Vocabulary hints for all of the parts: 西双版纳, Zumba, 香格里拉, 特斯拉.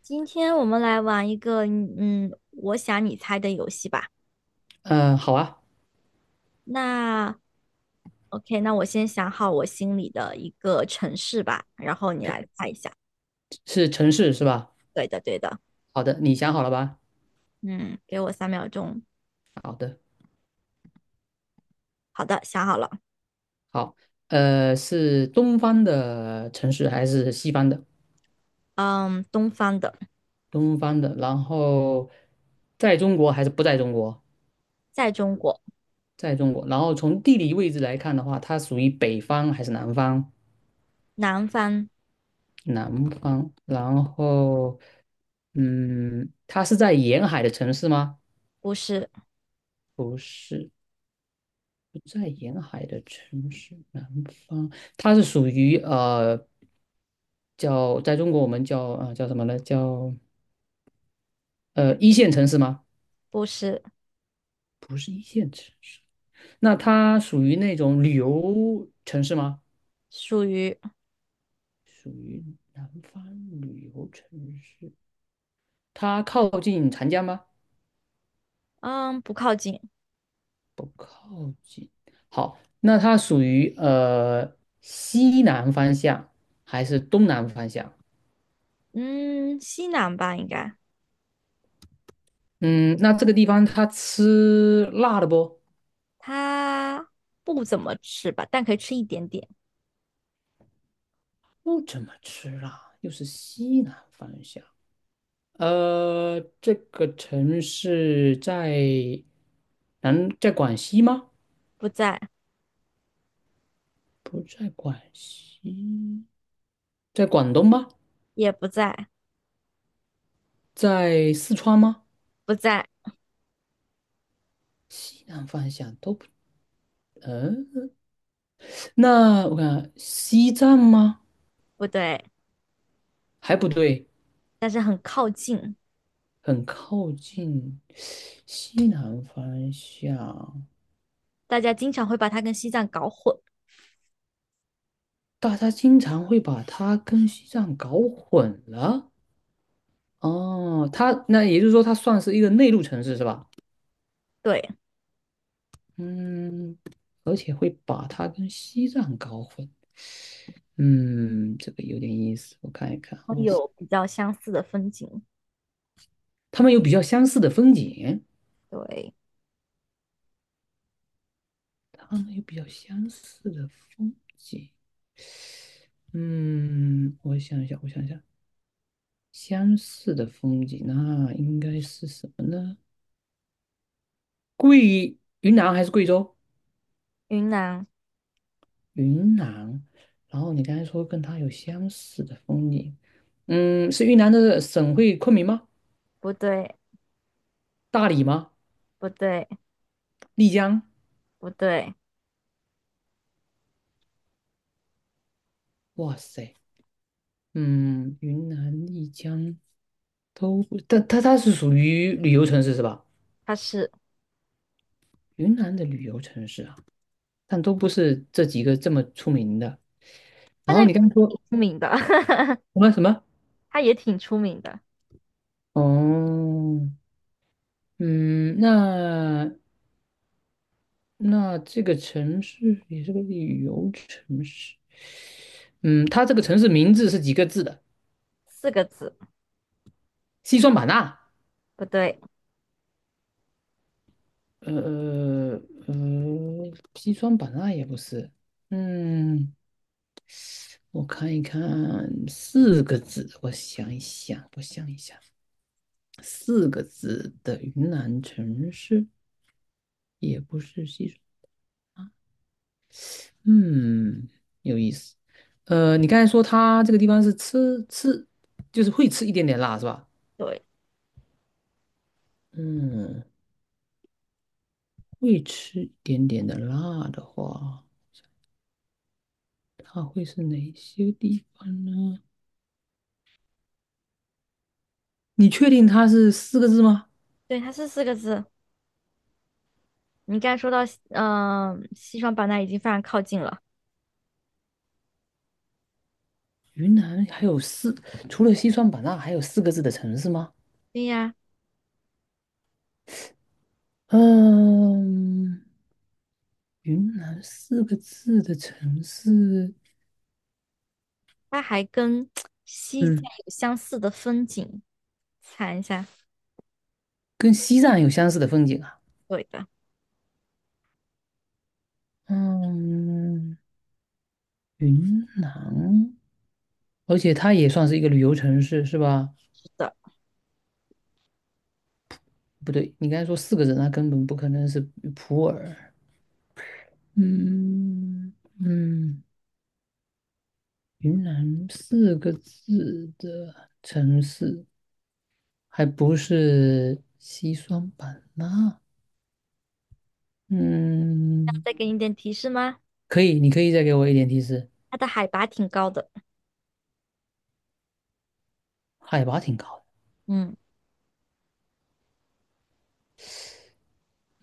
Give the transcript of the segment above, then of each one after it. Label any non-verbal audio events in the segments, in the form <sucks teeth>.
今天我们来玩一个，我想你猜的游戏吧。嗯，好啊，那 OK，那我先想好我心里的一个城市吧，然后你来猜一下。是城市是吧？对的，对的，好的，你想好了吧？嗯，给我3秒钟。好的，好的，想好了。好，是东方的城市还是西方的？嗯，东方的，东方的，然后在中国还是不在中国？在中国，在中国，然后从地理位置来看的话，它属于北方还是南方？南方南方，然后，嗯，它是在沿海的城市吗？不是，不是，不在沿海的城市，南方，它是属于叫在中国我们叫啊、叫什么呢？叫一线城市吗？不是，不是一线城市，那它属于那种旅游城市吗？属于，属于南方旅游城市，它靠近长江吗？嗯，不靠近，不靠近。好，那它属于西南方向还是东南方向？嗯，西南吧，应该。嗯，那这个地方他吃辣的不？它不怎么吃吧，但可以吃一点点。不怎么吃辣，又是西南方向。这个城市在南，在广西吗？不在，不在广西，在广东吗？也不在，在四川吗？不在，西南方向都不，嗯、那我看西藏吗？不对。还不对，但是很靠近，很靠近西南方向。大家经常会把它跟西藏搞混。大家经常会把它跟西藏搞混了。哦，它那也就是说，它算是一个内陆城市是吧？对，嗯，而且会把它跟西藏搞混。嗯，这个有点意思，我看一看啊，我想有比较相似的风景。他们有比较相似的风景，对，他们有比较相似的风景。嗯，我想一想，相似的风景那应该是什么呢？贵，云南还是贵州？云南云南，然后你刚才说跟它有相似的风景，嗯，是云南的省会昆明吗？不对，大理吗？不对，丽江？不对，哇塞，嗯，云南、丽江都不，但它是属于旅游城市是吧？它是云南的旅游城市啊，但都不是这几个这么出名的。它然那后个你刚才说挺出名的，<laughs> 什么什么？它也挺出名的，哦，嗯，那这个城市也是个旅游城市，嗯，它这个城市名字是几个字的？四个字，西双版纳，不对，呃西双版纳也不是，嗯，我看一看，四个字，我想一想，四个字的云南城市也不是西双啊，嗯，有意思，你刚才说它这个地方是，就是会吃一点点辣是吧？对，嗯，会吃一点点的辣的话，它会是哪些地方呢？你确定它是四个字吗？对，它是四个字。你刚才说到，西双版纳已经非常靠近了。云南还有四，除了西双版纳，还有四个字的城市吗？对呀，嗯，云南四个字的城市，它还跟西藏嗯，有相似的风景。猜一下，跟西藏有相似的风景啊。对的，嗯，云南，而且它也算是一个旅游城市，是吧？是的。不对，你刚才说四个字，那根本不可能是普洱。嗯嗯，云南四个字的城市，还不是西双版纳？嗯，再给你一点提示吗？可以，你可以再给我一点提示，它的海拔挺高的。海拔挺高的。嗯，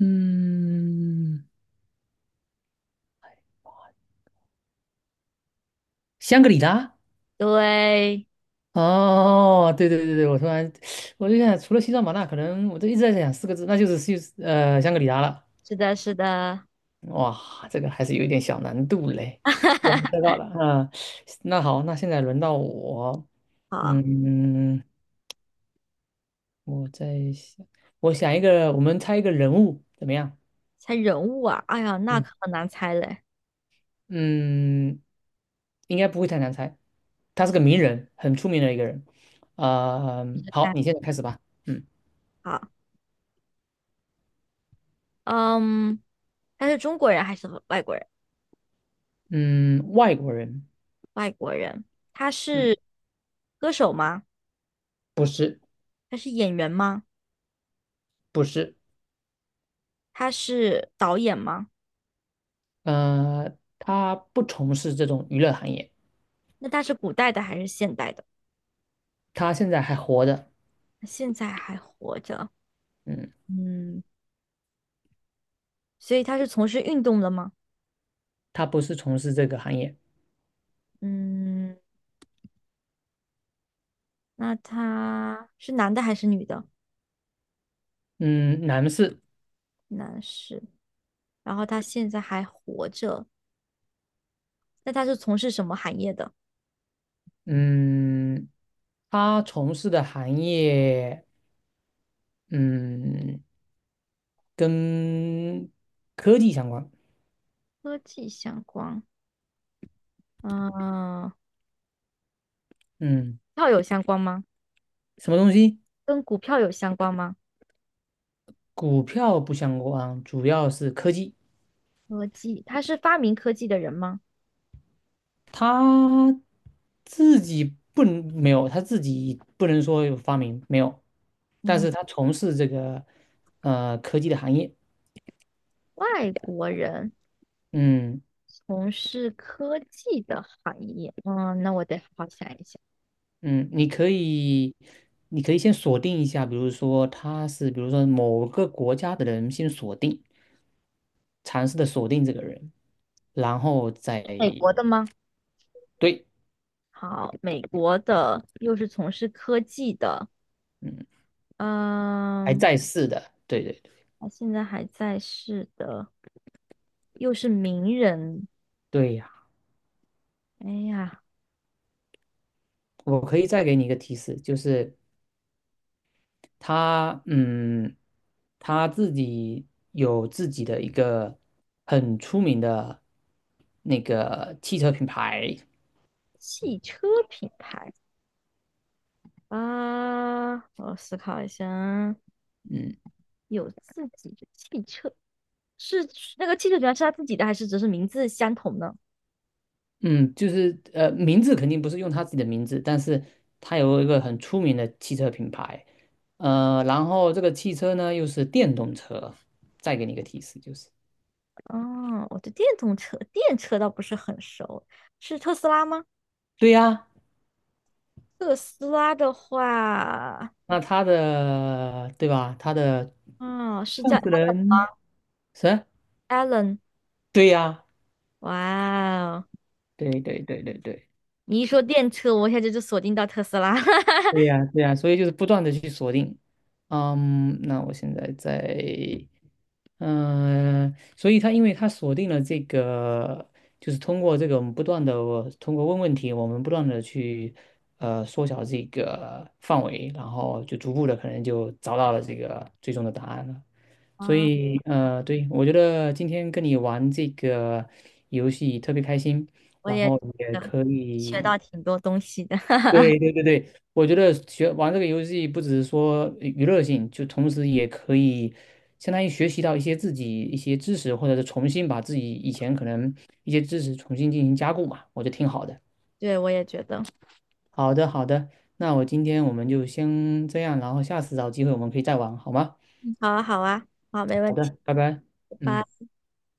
嗯 <sniffs>，香格里拉。对，哦，对，我突然 <sucks teeth> 我就想，除了西双版纳，可能我都一直在想四个字，那就是西香格里拉了。是的，是的。哇，这个还是有一点小难度嘞。我猜到 <laughs> 了，啊，那好，那现在轮到我，好，嗯，我在想，我想一个，我们猜一个人物怎么样？猜人物啊，哎呀，那嗯，可难猜嘞。嗯，应该不会太难猜，他是个名人，很出名的一个人。啊，<laughs> 好，看，你现在开始吧。嗯好，嗯，他是中国人还是外国人？嗯，外国人，外国人，他嗯，是歌手吗？不是他是演员吗？不是，他是导演吗？他不从事这种娱乐行业，那他是古代的还是现代的？他现在还活着。现在还活着，嗯。嗯，所以他是从事运动的吗？他不是从事这个行业。嗯，那他是男的还是女的？嗯，男士，男士，然后他现在还活着。那他是从事什么行业的？嗯，他从事的行业，嗯，跟科技相关。科技相关，嗯，嗯，票有相关吗？什么东西？跟股票有相关吗？股票不相关，主要是科技。科技，他是发明科技的人吗？他自己他自己不能说有发明没有，但嗯，是他从事这个科技的行业。外国人嗯。从事科技的行业，那我得好好想一想，嗯，你可以先锁定一下，比如说他是，比如说某个国家的人，先锁定，尝试的锁定这个人，然后再美国的吗？对，好，美国的又是从事科技的，嗯，还嗯，在世的，对，他现在还在世的，又是名人，对呀，哎呀，我可以再给你一个提示，就是他，嗯，他自己有自己的一个很出名的那个汽车品牌，汽车品牌啊，我思考一下啊，嗯。有自己的汽车，是那个汽车品牌是他自己的，还是只是名字相同呢？嗯，就是名字肯定不是用他自己的名字，但是他有一个很出名的汽车品牌，然后这个汽车呢又是电动车，再给你一个提示就是，啊，我对电动车、电车倒不是很熟，是特斯拉吗？对呀，特斯拉的话，那他的对吧？他的哦，是叫 创始人是？Alan。对呀，哇哦，对你一说电车，我一下就锁定到特斯拉。<laughs> 对呀，对呀，所以就是不断的去锁定，嗯，那我现在在嗯，所以他因为他锁定了这个，就是通过这个我们不断的通过问问题，我们不断的去缩小这个范围，然后就逐步的可能就找到了这个最终的答案了。所啊，以对，我觉得今天跟你玩这个游戏特别开心，我然也觉后也得可学以到挺多东西的。<laughs> 对，我觉得学玩这个游戏不只是说娱乐性，就同时也可以相当于学习到一些自己一些知识，或者是重新把自己以前可能一些知识重新进行加固嘛，我觉得挺好的。对，我也觉得。嗯好的，那我今天我们就先这样，然后下次找机会我们可以再玩，好吗？好啊，好啊，好，没问好题。的，拜拜。拜嗯。拜。